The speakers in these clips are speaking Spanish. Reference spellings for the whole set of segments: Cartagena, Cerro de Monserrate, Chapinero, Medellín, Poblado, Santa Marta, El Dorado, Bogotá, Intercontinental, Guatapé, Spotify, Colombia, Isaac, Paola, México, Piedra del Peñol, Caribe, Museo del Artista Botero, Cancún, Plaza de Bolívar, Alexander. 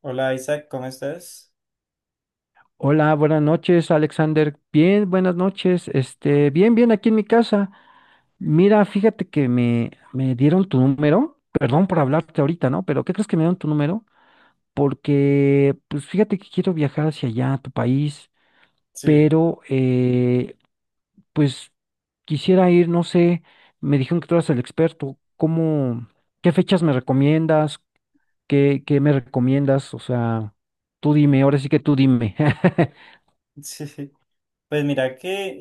Hola, Isaac, ¿cómo estás? Hola, buenas noches, Alexander. Bien, buenas noches. Bien, bien, aquí en mi casa. Mira, fíjate que me dieron tu número. Perdón por hablarte ahorita, ¿no? Pero ¿qué crees que me dieron tu número? Porque, pues fíjate que quiero viajar hacia allá, a tu país, Sí, pero, pues quisiera ir, no sé, me dijeron que tú eras el experto. ¿Cómo, qué fechas me recomiendas? ¿Qué me recomiendas? O sea, tú dime, ahora sí que tú dime. sí. Pues mira que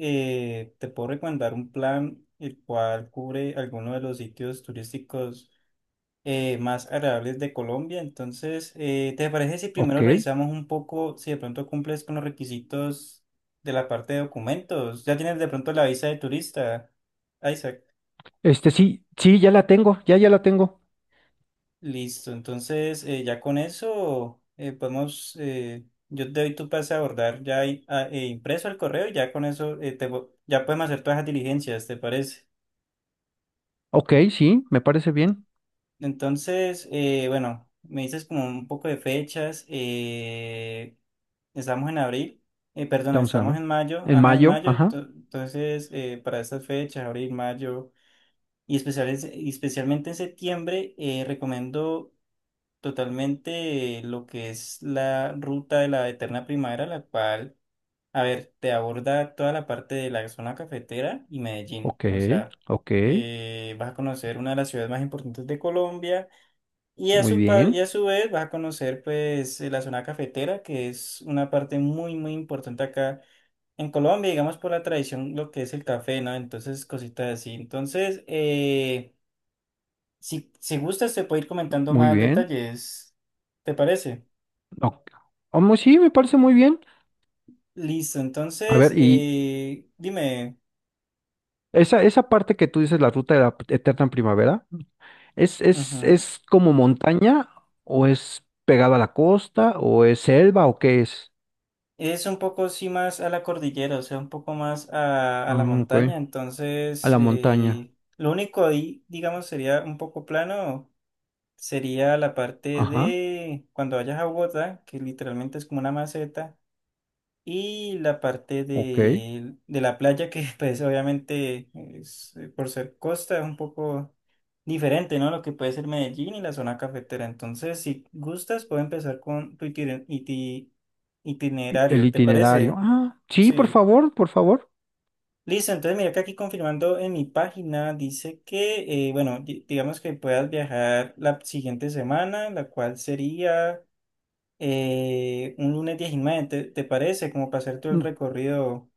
te puedo recomendar un plan el cual cubre algunos de los sitios turísticos más agradables de Colombia. Entonces, ¿te parece si primero Ok. revisamos un poco si de pronto cumples con los requisitos de la parte de documentos? ¿Ya tienes de pronto la visa de turista, ah, Isaac? Este sí, ya la tengo, ya la tengo. Listo, entonces ya con eso podemos, yo te doy tu pase a abordar ya ahí, impreso el correo y ya con eso ya podemos hacer todas las diligencias, ¿te parece? Ok, sí, me parece bien. Entonces, bueno, me dices como un poco de fechas, estamos en abril, perdón, Vamos a estamos ver. en mayo, En ajá, en mayo, mayo, ajá. Entonces para estas fechas, abril, mayo y, y especialmente en septiembre, recomiendo totalmente lo que es la ruta de la eterna primavera, la cual, a ver, te aborda toda la parte de la zona cafetera y Medellín. Ok, O sea, ok. Vas a conocer una de las ciudades más importantes de Colombia y a Muy y bien, a su vez vas a conocer pues la zona cafetera, que es una parte muy, muy importante acá. En Colombia, digamos, por la tradición, lo que es el café, ¿no? Entonces, cositas así. Entonces, si, si gustas, te puedo ir comentando muy más bien. detalles. ¿Te parece? Ok. Oh, sí, me parece muy bien. Listo, A entonces, ver, y dime, esa parte que tú dices, la ruta de la eterna primavera, ¿es, es, ujú. es como montaña o es pegada a la costa o es selva o qué es? Es un poco sí más a la cordillera, o sea, un poco más a la Ah, ok. montaña, A entonces, la montaña. Lo único ahí, digamos, sería un poco plano, sería la parte Ajá, de cuando vayas a Bogotá, que literalmente es como una maceta. Y la parte ok. De la playa, que pues obviamente es, por ser costa es un poco diferente, ¿no? Lo que puede ser Medellín y la zona cafetera. Entonces, si gustas, puedo empezar con tu Y el itinerario, ¿te itinerario. parece? Ah, sí, por Sí. favor, por favor. Listo, entonces mira que aquí confirmando en mi página dice que, bueno, digamos que puedas viajar la siguiente semana, la cual sería un lunes 19, te parece? Como para hacer todo el recorrido.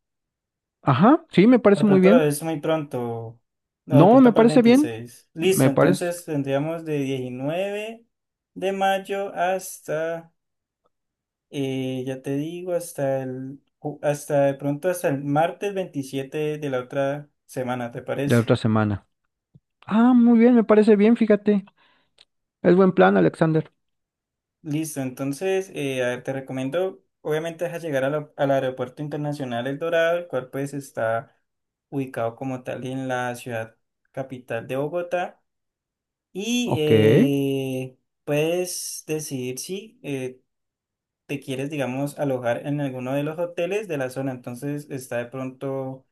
Ajá, sí, me De parece muy pronto lo bien. ves muy pronto. No, de No, pronto me para el parece bien. 26. Listo, Me parece entonces tendríamos de 19 de mayo hasta, ya te digo, hasta hasta de pronto hasta el martes 27 de la otra semana, ¿te de parece? otra semana. Ah, muy bien, me parece bien, fíjate. Es buen plan, Alexander. Listo, entonces, a ver, te recomiendo, obviamente, deja llegar a al Aeropuerto Internacional El Dorado, el cual pues está ubicado como tal en la ciudad capital de Bogotá. Y Ok. Puedes decidir si te quieres, digamos, alojar en alguno de los hoteles de la zona. Entonces está de pronto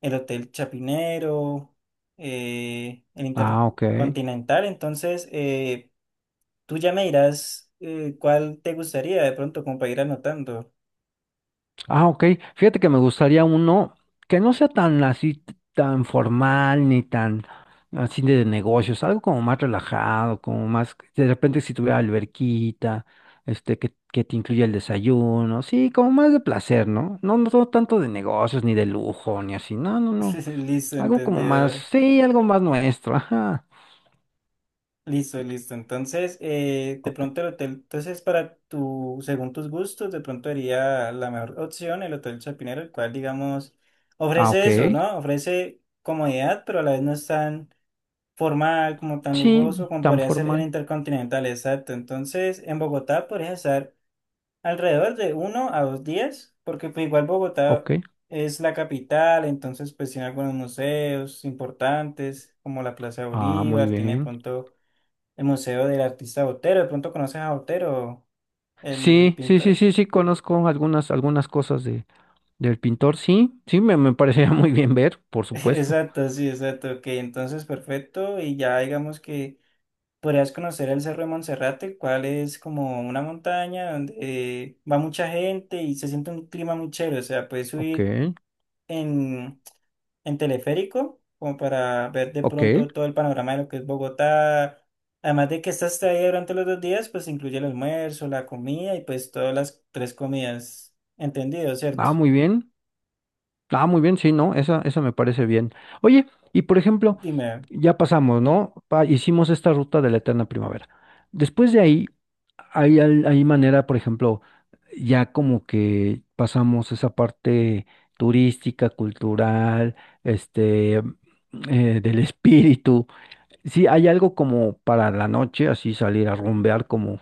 el Hotel Chapinero, el Ah, ok. Intercontinental. Entonces tú ya me dirás cuál te gustaría de pronto como para ir anotando. Ah, ok. Fíjate que me gustaría uno que no sea tan así, tan formal, ni tan así de negocios, algo como más relajado, como más, de repente si tuviera alberquita, que te incluya el desayuno, sí, como más de placer, ¿no? No, no no tanto de negocios, ni de lujo, ni así, no, no, no. Listo, Algo como más, entendido. sí, algo más nuestro, ajá. Listo, listo. Entonces, de Ok. pronto el hotel, entonces para tu, según tus gustos, de pronto sería la mejor opción el Hotel Chapinero, el cual, digamos, Ah, ofrece ok. eso, ¿no? Ofrece comodidad, pero a la vez no es tan formal, como tan Sí, lujoso, como tan podría ser el formal. Intercontinental, exacto. Entonces, en Bogotá podrías estar alrededor de uno a dos días, porque pues igual Bogotá Ok. es la capital, entonces pues tiene algunos museos importantes, como la Plaza de Ah, muy Bolívar, tiene de bien. pronto el Museo del Artista Botero. De pronto conoces a Botero, el Sí, sí, sí, pintor. sí, sí, conozco algunas, algunas cosas de, del pintor. Sí, sí, me parecería muy bien ver, por supuesto. Exacto, sí, exacto. Ok, entonces perfecto. Y ya digamos que podrías conocer el Cerro de Monserrate, el cual es como una montaña donde va mucha gente y se siente un clima muy chévere. O sea, puedes Ok, subir en, en teleférico como para ver de ok. pronto todo el panorama de lo que es Bogotá. Además de que estás ahí durante los dos días, pues incluye el almuerzo, la comida y pues todas las tres comidas. Entendido, ¿cierto? Ah, muy bien. Ah, muy bien, sí, ¿no? Esa me parece bien. Oye, y por ejemplo, Dime, ya pasamos, ¿no? Hicimos esta ruta de la eterna primavera. Después de ahí, hay, hay manera, por ejemplo, ya como que pasamos esa parte turística, cultural, este, del espíritu. Sí, hay algo como para la noche, así salir a rumbear como,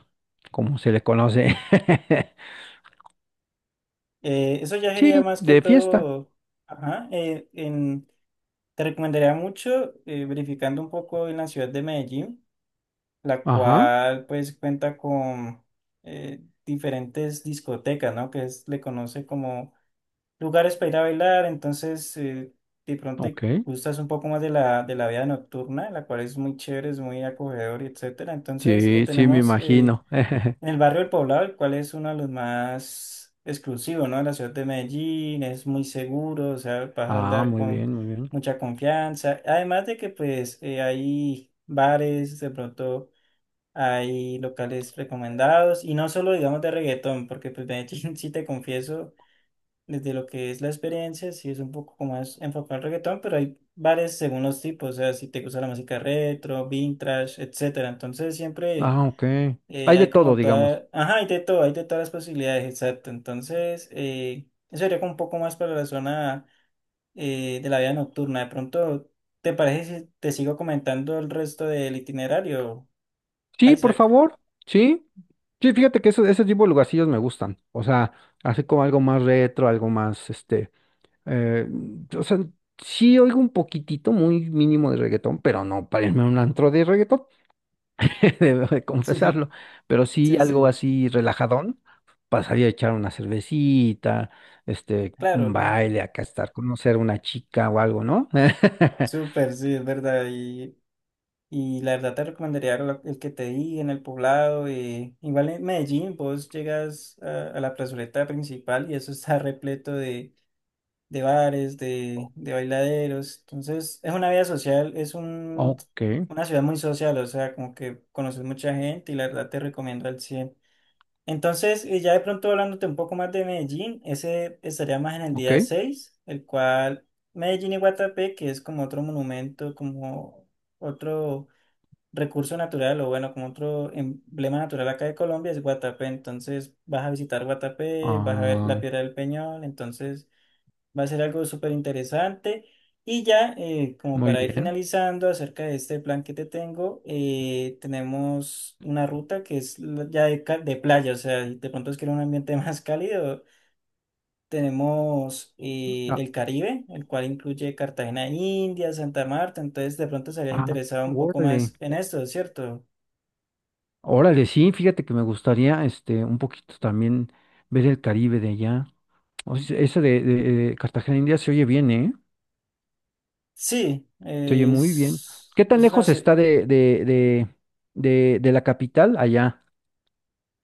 como se le conoce. Eso ya sería Sí, más que de fiesta. todo, ajá, te recomendaría mucho verificando un poco en la ciudad de Medellín, la Ajá, cual pues cuenta con diferentes discotecas, ¿no? Le conoce como lugares para ir a bailar, entonces de pronto te ok. gustas un poco más de de la vida nocturna, la cual es muy chévere, es muy acogedor, y etcétera. Entonces Sí, sí, me imagino. el barrio del Poblado, el cual es uno de los más exclusivos, ¿no? De la ciudad de Medellín, es muy seguro, o sea, vas a Ah, andar muy con bien, muy bien. mucha confianza. Además de que, pues, hay bares, de pronto hay locales recomendados, y no solo, digamos, de reggaetón, porque, pues, Medellín, sí te confieso, desde lo que es la experiencia, sí es un poco como más enfocado al reggaetón, pero hay bares según los tipos, o sea, si te gusta la música retro, vintage, etcétera. Entonces, siempre. Ah, ok. Hay de Hay todo, como digamos. toda, ajá, hay de todo, hay de todas las posibilidades, exacto. Entonces, eso sería como un poco más para la zona de la vida nocturna. De pronto, ¿te parece si te sigo comentando el resto del itinerario, Sí, por Isaac? favor. Sí. Sí, fíjate que eso, ese tipo de lugarcillos me gustan. O sea, así como algo más retro, algo más, eh, o sea, sí oigo un poquitito, muy mínimo de reggaetón, pero no para irme a un antro de reggaetón. Debo de Sí, confesarlo, pero sí sí, algo sí, así relajadón, pasaría a echar una cervecita, un claro, baile, acá estar, conocer una chica o algo, ¿no? súper, sí, es verdad. Y la verdad te recomendaría el que te di en el poblado. Igual en Medellín, vos llegas a la plazoleta principal y eso está repleto de bares, de bailaderos. Entonces, es una vida social, Ok, una ciudad muy social, o sea, como que conoces mucha gente y la verdad te recomiendo al cien. Entonces, y ya de pronto hablándote un poco más de Medellín, ese estaría más en el ok, día seis, el cual Medellín y Guatapé, que es como otro monumento, como otro recurso natural o bueno, como otro emblema natural acá de Colombia es Guatapé, entonces vas a visitar Guatapé, vas a ver la ah, Piedra del Peñol. Entonces va a ser algo súper interesante. Y ya, como muy para ir bien. finalizando acerca de este plan que te tengo, tenemos una ruta que es ya de, de playa, o sea, y de pronto es que era un ambiente más cálido. Tenemos Ah, el Caribe, el cual incluye Cartagena, India, Santa Marta, entonces de pronto estarías ah, interesado un poco órale, más en esto, ¿cierto? órale, sí, fíjate que me gustaría, un poquito también ver el Caribe de allá. O sea, ese de, de Cartagena India se oye bien, ¿eh? Sí, Se oye muy bien. ¿Qué tan es una lejos ciudad. está de la capital allá?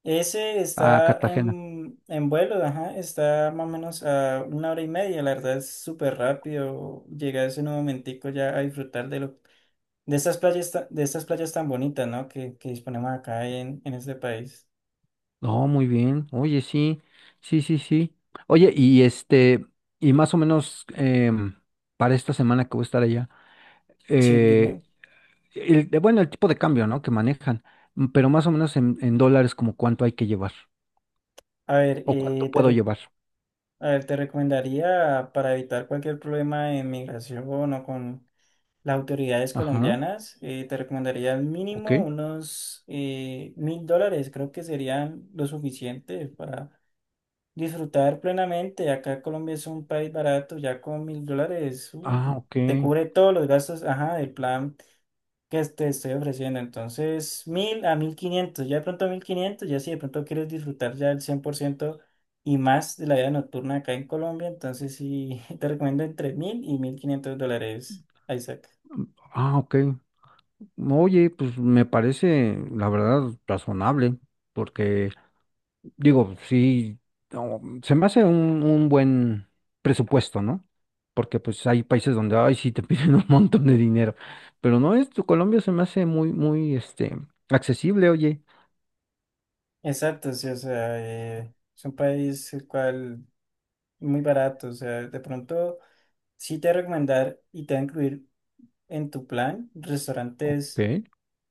Ese A está Cartagena. En vuelo, ajá, está más o menos a una hora y media, la verdad es súper rápido llegar ese nuevo momentico ya a disfrutar de lo, de estas playas tan bonitas, ¿no? Que disponemos acá en este país. No, muy bien. Oye, sí, sí, sí, sí. Oye, y y más o menos para esta semana que voy a estar allá, Sí, eh, dime. el, bueno, el tipo de cambio, ¿no? Que manejan, pero más o menos en dólares, como cuánto hay que llevar A ver, o cuánto eh, te, puedo re- llevar. a ver, te recomendaría para evitar cualquier problema de migración o con las autoridades Ajá, colombianas, te recomendaría al ok. mínimo unos $1,000, creo que serían lo suficiente para disfrutar plenamente. Acá Colombia es un país barato, ya con $1,000 Ah, ok. te cubre todos los gastos, ajá, del plan que te estoy ofreciendo. Entonces, 1,000 a 1,500, ya de pronto 1,500, ya si de pronto quieres disfrutar ya el 100% y más de la vida nocturna acá en Colombia, entonces sí, te recomiendo entre 1,000 y $1,500, Isaac. Ah, ok. Oye, pues me parece, la verdad, razonable, porque digo, sí, no, se me hace un buen presupuesto, ¿no? Porque pues hay países donde, ay, sí, te piden un montón de dinero. Pero no, esto, Colombia se me hace muy, muy, accesible, oye. Exacto, sí, o sea, es un país el cual muy barato, o sea, de pronto sí te voy a recomendar y te va a incluir en tu plan Ok. restaurantes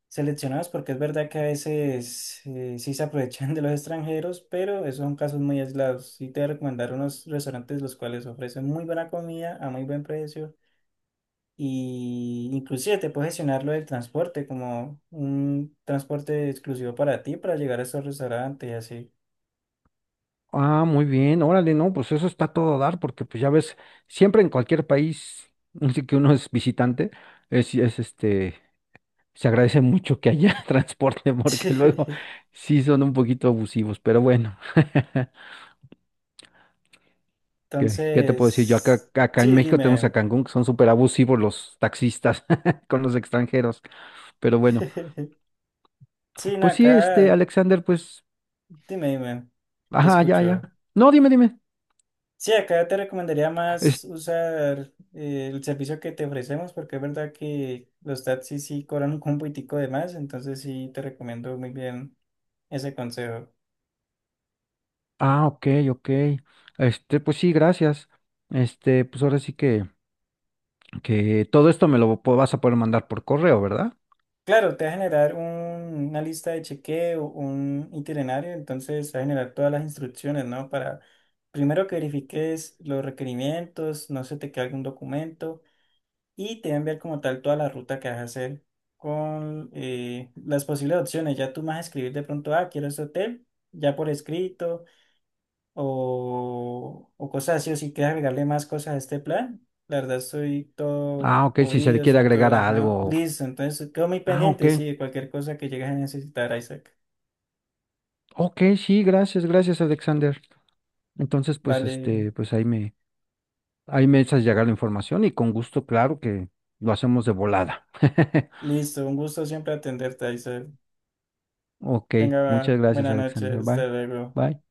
seleccionados, porque es verdad que a veces sí se aprovechan de los extranjeros, pero esos son casos muy aislados. Sí te voy a recomendar unos restaurantes los cuales ofrecen muy buena comida a muy buen precio, y inclusive te puedes gestionar lo del transporte como un transporte exclusivo para ti para llegar a esos restaurantes y así. Ah, muy bien, órale, no, pues eso está a todo dar, porque pues ya ves, siempre en cualquier país, así que uno es visitante, es, es este, se agradece mucho que haya transporte, porque luego sí son un poquito abusivos, pero bueno. ¿Qué, qué te puedo decir? Yo acá, Entonces, acá en sí, México tenemos a dime. Cancún, que son súper abusivos los taxistas con los extranjeros. Pero bueno, Sí, no, pues sí, acá, Alexander, pues, dime, dime, te ajá, ya, ya. escucho. No, dime, dime. Sí, acá te recomendaría más Es- usar el servicio que te ofrecemos porque es verdad que los taxis sí cobran un compitico de más, entonces sí te recomiendo muy bien ese consejo. ah, ok, ok. Pues sí, gracias. Pues ahora sí que todo esto me lo vas a poder mandar por correo, ¿verdad? Claro, te va a generar una lista de chequeo, un itinerario, entonces te va a generar todas las instrucciones, ¿no? Para primero que verifiques los requerimientos, no se te quede algún documento, y te va a enviar como tal toda la ruta que vas a hacer con las posibles opciones. Ya tú vas a escribir de pronto, ah, quiero este hotel, ya por escrito, o cosas así, o si quieres agregarle más cosas a este plan. La verdad, soy Ah, todo ok, si se le oído, quiere soy agregar todo, a ajá, algo. listo. Entonces, quedo muy Ah, ok. pendiente, sí, de cualquier cosa que llegues a necesitar, Isaac. Ok, sí, gracias, gracias, Alexander. Entonces, pues, Vale, pues ahí me, ahí me echas llegar la información y con gusto, claro que lo hacemos de volada. listo, un gusto siempre atenderte, Isaac. Ok, Tenga muchas gracias, buenas Alexander. noches, hasta Bye. luego. Bye.